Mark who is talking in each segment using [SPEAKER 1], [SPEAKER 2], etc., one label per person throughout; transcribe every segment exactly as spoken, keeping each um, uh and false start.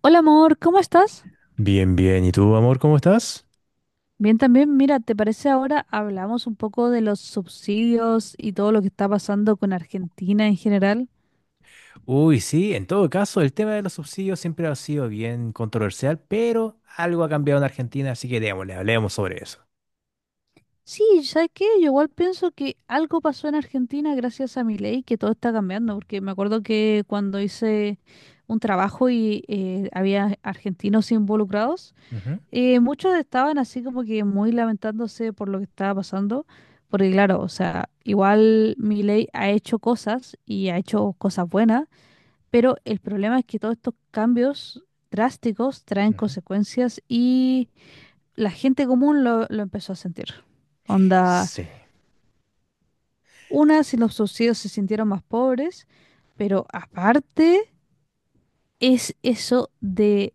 [SPEAKER 1] Hola amor, ¿cómo estás?
[SPEAKER 2] Bien, bien. ¿Y tú, amor, cómo estás?
[SPEAKER 1] Bien también, mira, ¿te parece ahora hablamos un poco de los subsidios y todo lo que está pasando con Argentina en general?
[SPEAKER 2] Uy, sí, en todo caso, el tema de los subsidios siempre ha sido bien controversial, pero algo ha cambiado en Argentina, así que démosle, hablemos sobre eso.
[SPEAKER 1] Sí, ¿sabes qué? Yo igual pienso que algo pasó en Argentina gracias a mi ley, que todo está cambiando, porque me acuerdo que cuando hice un trabajo y eh, había argentinos involucrados.
[SPEAKER 2] Ujú,
[SPEAKER 1] Eh, muchos estaban así como que muy lamentándose por lo que estaba pasando. Porque claro, o sea, igual Milei ha hecho cosas y ha hecho cosas buenas, pero el problema es que todos estos cambios drásticos traen
[SPEAKER 2] ujú.
[SPEAKER 1] consecuencias y la gente común lo, lo empezó a sentir. Onda,
[SPEAKER 2] Sí,
[SPEAKER 1] una, si los subsidios se sintieron más pobres, pero aparte es eso de,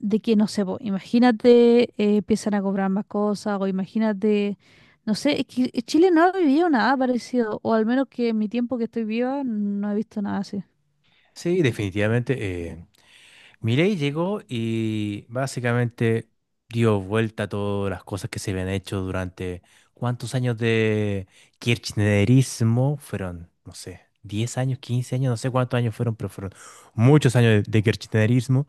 [SPEAKER 1] de que, no sé, po, imagínate, eh, empiezan a cobrar más cosas, o imagínate, no sé, es que Chile no ha vivido nada parecido, o al menos que en mi tiempo que estoy viva no he visto nada así.
[SPEAKER 2] sí, definitivamente. Eh, Milei llegó y básicamente dio vuelta a todas las cosas que se habían hecho durante cuántos años de kirchnerismo fueron, no sé, diez años, quince años, no sé cuántos años fueron, pero fueron muchos años de, de kirchnerismo.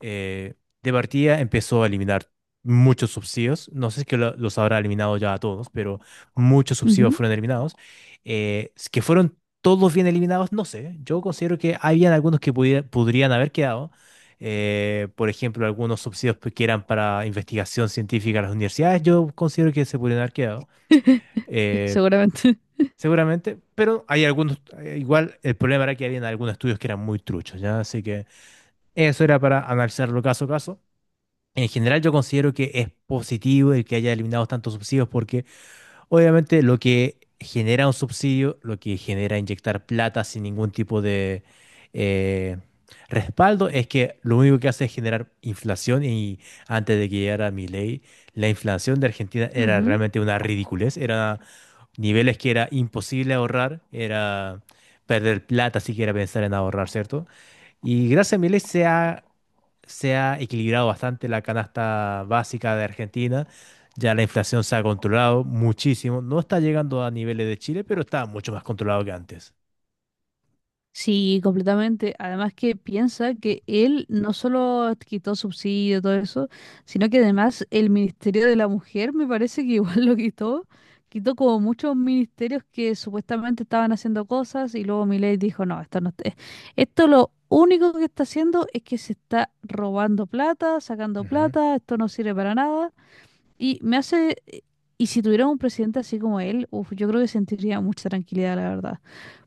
[SPEAKER 2] eh, de partida empezó a eliminar muchos subsidios. No sé si es que lo- los habrá eliminado ya a todos, pero muchos subsidios
[SPEAKER 1] Ujú.
[SPEAKER 2] fueron eliminados. Eh, que fueron todos bien eliminados, no sé. Yo considero que habían algunos que pudiera- podrían haber quedado. Eh, por ejemplo, algunos subsidios que eran para investigación científica a las universidades, yo considero que se podrían haber quedado. Eh,
[SPEAKER 1] Seguramente.
[SPEAKER 2] Seguramente, pero hay algunos, eh, igual el problema era que habían algunos estudios que eran muy truchos, ¿ya? Así que eso era para analizarlo caso a caso. En general yo considero que es positivo el que haya eliminado tantos subsidios porque obviamente lo que genera un subsidio, lo que genera inyectar plata sin ningún tipo de eh, respaldo, es que lo único que hace es generar inflación y antes de que llegara Milei, la inflación de Argentina era
[SPEAKER 1] Ujú.
[SPEAKER 2] realmente una ridiculez, era niveles que era imposible ahorrar, era perder plata siquiera pensar en ahorrar, ¿cierto? Y gracias a Milei se ha se ha equilibrado bastante la canasta básica de Argentina. Ya la inflación se ha controlado muchísimo. No está llegando a niveles de Chile, pero está mucho más controlado que antes.
[SPEAKER 1] Sí, completamente. Además que piensa que él no solo quitó subsidio, todo eso, sino que además el Ministerio de la Mujer me parece que igual lo quitó. Quitó como muchos ministerios que supuestamente estaban haciendo cosas y luego Milei dijo, no, esto no está... Esto lo único que está haciendo es que se está robando plata, sacando
[SPEAKER 2] Ujú,
[SPEAKER 1] plata, esto no sirve para nada. Y me hace... Y si tuviera un presidente así como él, uf, yo creo que sentiría mucha tranquilidad, la verdad.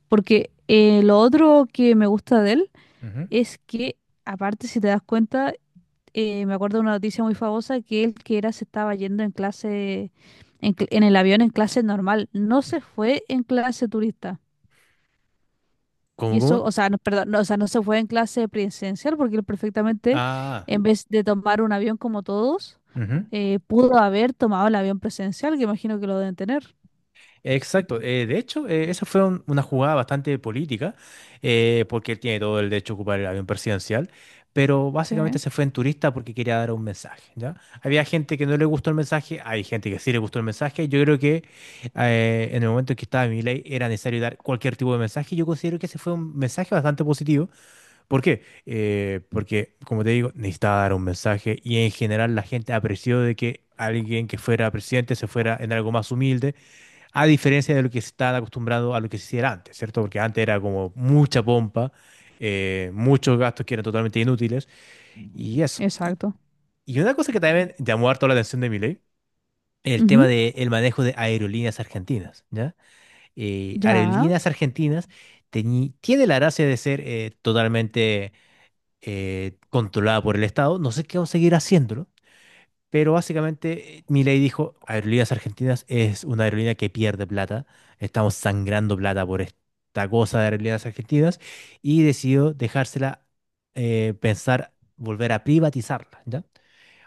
[SPEAKER 1] Porque eh, lo otro que me gusta de él
[SPEAKER 2] ujú.
[SPEAKER 1] es que, aparte, si te das cuenta, eh, me acuerdo de una noticia muy famosa que él que era se estaba yendo en clase, en, cl- en el avión en clase normal, no se fue en clase turista. Y
[SPEAKER 2] ¿Cómo, cómo?
[SPEAKER 1] eso, o sea, no, perdón, no, o sea, no se fue en clase presidencial porque él perfectamente,
[SPEAKER 2] Ah.
[SPEAKER 1] en vez de tomar un avión como todos,
[SPEAKER 2] Ujú.
[SPEAKER 1] eh, pudo haber tomado el avión presidencial, que imagino que lo deben tener.
[SPEAKER 2] Exacto. Eh, de hecho, eh, esa fue un- una jugada bastante política, eh, porque él tiene todo el derecho a ocupar el avión presidencial, pero
[SPEAKER 1] Sí,
[SPEAKER 2] básicamente se fue en turista porque quería dar un mensaje, ¿ya? Había gente que no le gustó el mensaje, hay gente que sí le gustó el mensaje. Yo creo que eh, en el momento en que estaba Milei era necesario dar cualquier tipo de mensaje. Yo considero que ese fue un mensaje bastante positivo. ¿Por qué? Eh, porque, como te digo, necesitaba dar un mensaje y en general la gente apreció de que alguien que fuera presidente se fuera en algo más humilde a diferencia de lo que se está acostumbrado a lo que se hiciera antes, ¿cierto? Porque antes era como mucha pompa, eh, muchos gastos que eran totalmente inútiles, y eso. Y,
[SPEAKER 1] exacto.
[SPEAKER 2] y una cosa que también llamó harto la atención de Milei, el tema
[SPEAKER 1] Ujú.
[SPEAKER 2] del manejo de Aerolíneas Argentinas, ¿ya? Eh,
[SPEAKER 1] Ya.
[SPEAKER 2] Aerolíneas Argentinas teñi- tiene la gracia de ser eh, totalmente eh, controlada por el Estado, no sé qué va a seguir haciéndolo, pero básicamente eh, Milei dijo, Aerolíneas Argentinas es una aerolínea que pierde plata, estamos sangrando plata por esta cosa de Aerolíneas Argentinas y decidió dejársela eh, pensar volver a privatizarla, ¿ya?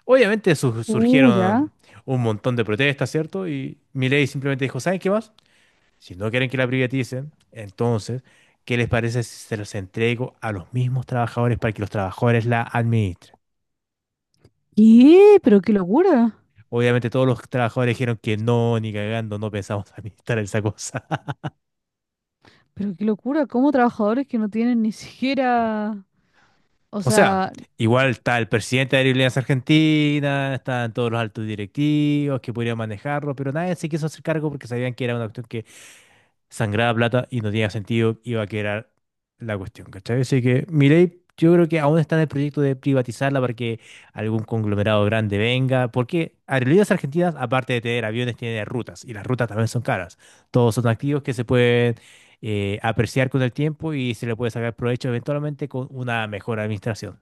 [SPEAKER 2] Obviamente su-
[SPEAKER 1] Uh, ya.
[SPEAKER 2] surgieron un montón de protestas, ¿cierto? Y Milei simplemente dijo, ¿saben qué más? Si no quieren que la privaticen, entonces, ¿qué les parece si se los entrego a los mismos trabajadores para que los trabajadores la administren?
[SPEAKER 1] ¿Qué? Pero qué locura.
[SPEAKER 2] Obviamente todos los trabajadores dijeron que no, ni cagando, no pensamos administrar esa cosa.
[SPEAKER 1] Pero qué locura. ¿Cómo trabajadores que no tienen ni siquiera... O
[SPEAKER 2] O sea,
[SPEAKER 1] sea,
[SPEAKER 2] igual está el presidente de Aerolíneas Argentinas, están todos los altos directivos que podrían manejarlo, pero nadie se quiso hacer cargo porque sabían que era una cuestión que sangraba plata y no tenía sentido, iba a quedar la cuestión, ¿cachai? Así que Milei, yo creo que aún está en el proyecto de privatizarla para que algún conglomerado grande venga, porque Aerolíneas Argentinas, aparte de tener aviones, tiene rutas, y las rutas también son caras. Todos son activos que se pueden eh, apreciar con el tiempo y se le puede sacar provecho eventualmente con una mejor administración.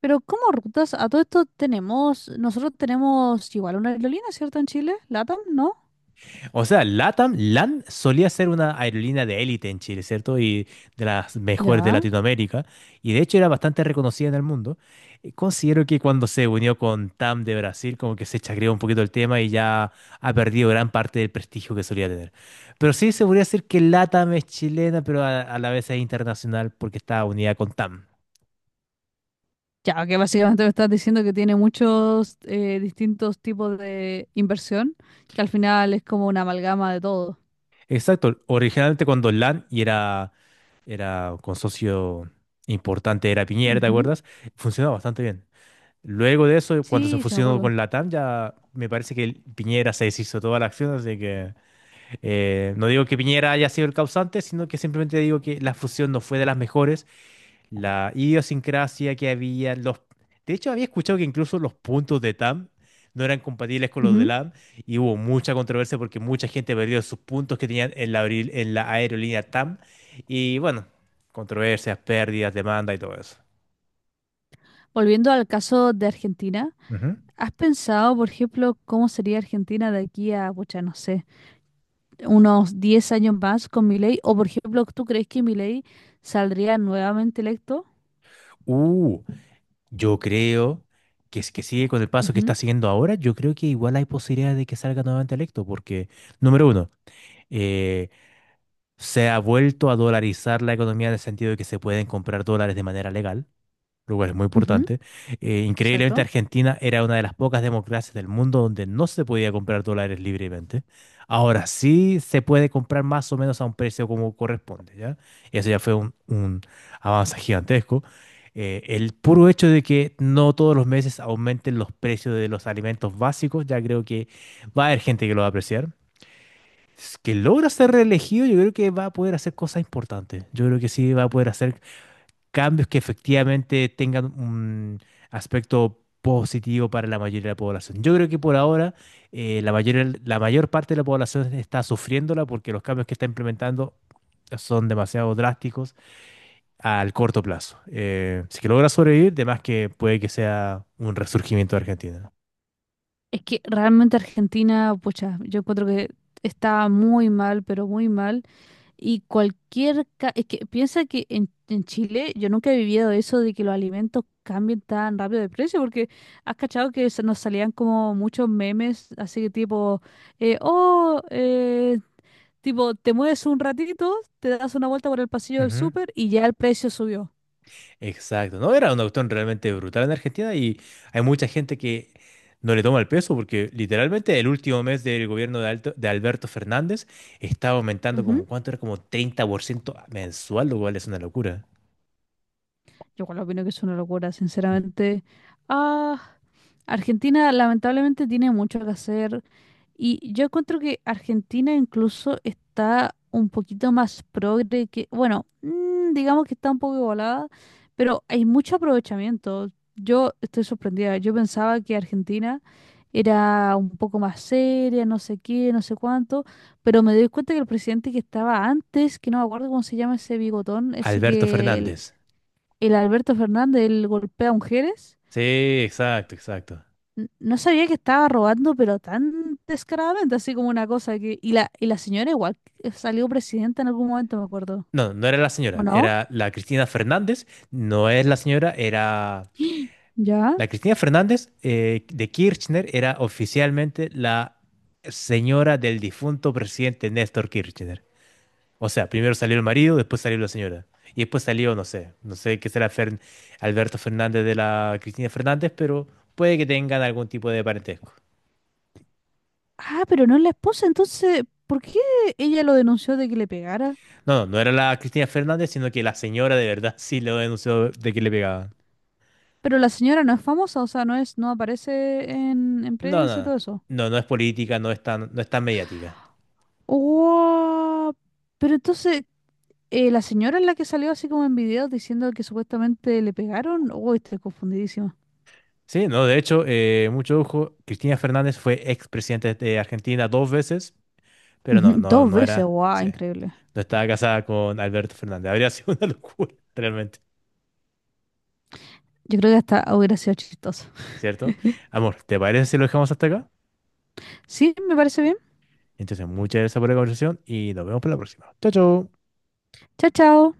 [SPEAKER 1] pero ¿cómo rutas? A todo esto tenemos... Nosotros tenemos igual una aerolínea, ¿cierto? En Chile. LATAM, ¿no?
[SPEAKER 2] O sea, LATAM, LAN solía ser una aerolínea de élite en Chile, ¿cierto? Y de las mejores de
[SPEAKER 1] Ya.
[SPEAKER 2] Latinoamérica. Y de hecho era bastante reconocida en el mundo. Eh, Considero que cuando se unió con TAM de Brasil, como que se chacreó un poquito el tema y ya ha perdido gran parte del prestigio que solía tener. Pero sí se podría decir que LATAM es chilena, pero a, a la vez es internacional porque está unida con TAM.
[SPEAKER 1] Ya, que básicamente me estás diciendo que tiene muchos eh, distintos tipos de inversión, que al final es como una amalgama de todo.
[SPEAKER 2] Exacto. Originalmente cuando LAN y era, era con socio importante, era Piñera, ¿te
[SPEAKER 1] Ujú.
[SPEAKER 2] acuerdas? Funcionaba bastante bien. Luego de eso, cuando se
[SPEAKER 1] Sí, sí me
[SPEAKER 2] fusionó
[SPEAKER 1] acuerdo.
[SPEAKER 2] con Latam, ya me parece que el- Piñera se deshizo toda la acción, así que eh, no digo que Piñera haya sido el causante, sino que simplemente digo que la fusión no fue de las mejores, la idiosincrasia que había, los... De hecho, había escuchado que incluso los puntos de TAM no eran compatibles con los de
[SPEAKER 1] Ujú.
[SPEAKER 2] LAM y hubo mucha controversia porque mucha gente perdió sus puntos que tenían en la, aeril- en la aerolínea TAM y bueno, controversias, pérdidas, demanda y todo eso.
[SPEAKER 1] Volviendo al caso de Argentina,
[SPEAKER 2] Ujú.
[SPEAKER 1] ¿has pensado, por ejemplo, cómo sería Argentina de aquí a, pucha, no sé, unos diez años más con Milei? O, por ejemplo, ¿tú crees que Milei saldría nuevamente electo?
[SPEAKER 2] Uh, Yo creo que si que sigue con el paso que está
[SPEAKER 1] Ujú,
[SPEAKER 2] siguiendo ahora, yo creo que igual hay posibilidades de que salga nuevamente electo, porque, número uno, eh, se ha vuelto a dolarizar la economía en el sentido de que se pueden comprar dólares de manera legal lugar es muy
[SPEAKER 1] ujú,
[SPEAKER 2] importante. Eh, increíblemente,
[SPEAKER 1] exacto.
[SPEAKER 2] Argentina era una de las pocas democracias del mundo donde no se podía comprar dólares libremente. Ahora sí se puede comprar más o menos a un precio como corresponde, ¿ya? Eso ya fue un, un avance gigantesco. Eh, el puro hecho de que no todos los meses aumenten los precios de los alimentos básicos, ya creo que va a haber gente que lo va a apreciar. Si es que logra ser reelegido, yo creo que va a poder hacer cosas importantes. Yo creo que sí va a poder hacer cambios que efectivamente tengan un aspecto positivo para la mayoría de la población. Yo creo que por ahora eh, la mayoría- la mayor parte de la población está sufriéndola porque los cambios que está implementando son demasiado drásticos al corto plazo. Eh, si que logra sobrevivir, de más que puede que sea un resurgimiento de Argentina.
[SPEAKER 1] Es que realmente Argentina, pucha, yo encuentro que está muy mal, pero muy mal. Y cualquier... ca- Es que piensa que en, en Chile yo nunca he vivido eso de que los alimentos cambien tan rápido de precio, porque has cachado que se nos salían como muchos memes, así que tipo, eh, oh, eh, tipo, te mueves un ratito, te das una vuelta por el pasillo del
[SPEAKER 2] Ujú.
[SPEAKER 1] súper y ya el precio subió.
[SPEAKER 2] Exacto, no, era una cuestión realmente brutal en Argentina y hay mucha gente que no le toma el peso porque literalmente el último mes del gobierno de, Alto- de Alberto Fernández estaba aumentando como, ¿cuánto era? Como treinta por ciento mensual, lo cual es una locura.
[SPEAKER 1] Yo igual opino que es una locura, sinceramente. Ah, Argentina lamentablemente tiene mucho que hacer y yo encuentro que Argentina incluso está un poquito más progre que, bueno, mm, digamos que está un poco igualada, pero hay mucho aprovechamiento. Yo estoy sorprendida. Yo pensaba que Argentina era un poco más seria, no sé qué, no sé cuánto, pero me doy cuenta que el presidente que estaba antes, que no me acuerdo cómo se llama ese bigotón, ese
[SPEAKER 2] Alberto Fernández.
[SPEAKER 1] que el Alberto Fernández, el golpea mujeres.
[SPEAKER 2] Sí, exacto, exacto.
[SPEAKER 1] N- No sabía que estaba robando, pero tan descaradamente, así como una cosa que... Y la, y la señora igual eh, salió presidenta en algún momento, me acuerdo.
[SPEAKER 2] No, no era la
[SPEAKER 1] ¿O
[SPEAKER 2] señora,
[SPEAKER 1] no?
[SPEAKER 2] era la Cristina Fernández, no es la señora, era...
[SPEAKER 1] ¿Ya?
[SPEAKER 2] La Cristina Fernández eh, de Kirchner era oficialmente la señora del difunto presidente Néstor Kirchner. O sea, primero salió el marido, después salió la señora. Y después salió, no sé, no sé qué será Fern- Alberto Fernández de la Cristina Fernández, pero puede que tengan algún tipo de parentesco.
[SPEAKER 1] Ah, pero no es la esposa, entonces, ¿por qué ella lo denunció de que le pegara?
[SPEAKER 2] No, no, no era la Cristina Fernández, sino que la señora de verdad sí lo denunció de que le pegaban.
[SPEAKER 1] Pero la señora no es famosa, o sea, no es, no aparece en, en
[SPEAKER 2] No,
[SPEAKER 1] prensa y
[SPEAKER 2] no,
[SPEAKER 1] todo eso.
[SPEAKER 2] no, no es política, no es tan, no es tan mediática.
[SPEAKER 1] Wow. Pero entonces, eh, la señora es la que salió así como en videos diciendo que supuestamente le pegaron. Uy, estoy confundidísima.
[SPEAKER 2] Sí, no, de hecho, eh, mucho ojo, Cristina Fernández fue expresidente de Argentina dos veces, pero no,
[SPEAKER 1] Ujú,
[SPEAKER 2] no,
[SPEAKER 1] Dos
[SPEAKER 2] no
[SPEAKER 1] veces,
[SPEAKER 2] era,
[SPEAKER 1] wow,
[SPEAKER 2] sí,
[SPEAKER 1] increíble.
[SPEAKER 2] no estaba casada con Alberto Fernández. Habría sido una locura, realmente.
[SPEAKER 1] Yo creo que hasta hubiera sido chistoso.
[SPEAKER 2] ¿Cierto? Amor, ¿te parece si lo dejamos hasta acá?
[SPEAKER 1] Sí, me parece bien.
[SPEAKER 2] Entonces, muchas gracias por la conversación y nos vemos para la próxima. Chao, chao.
[SPEAKER 1] Chao, chao.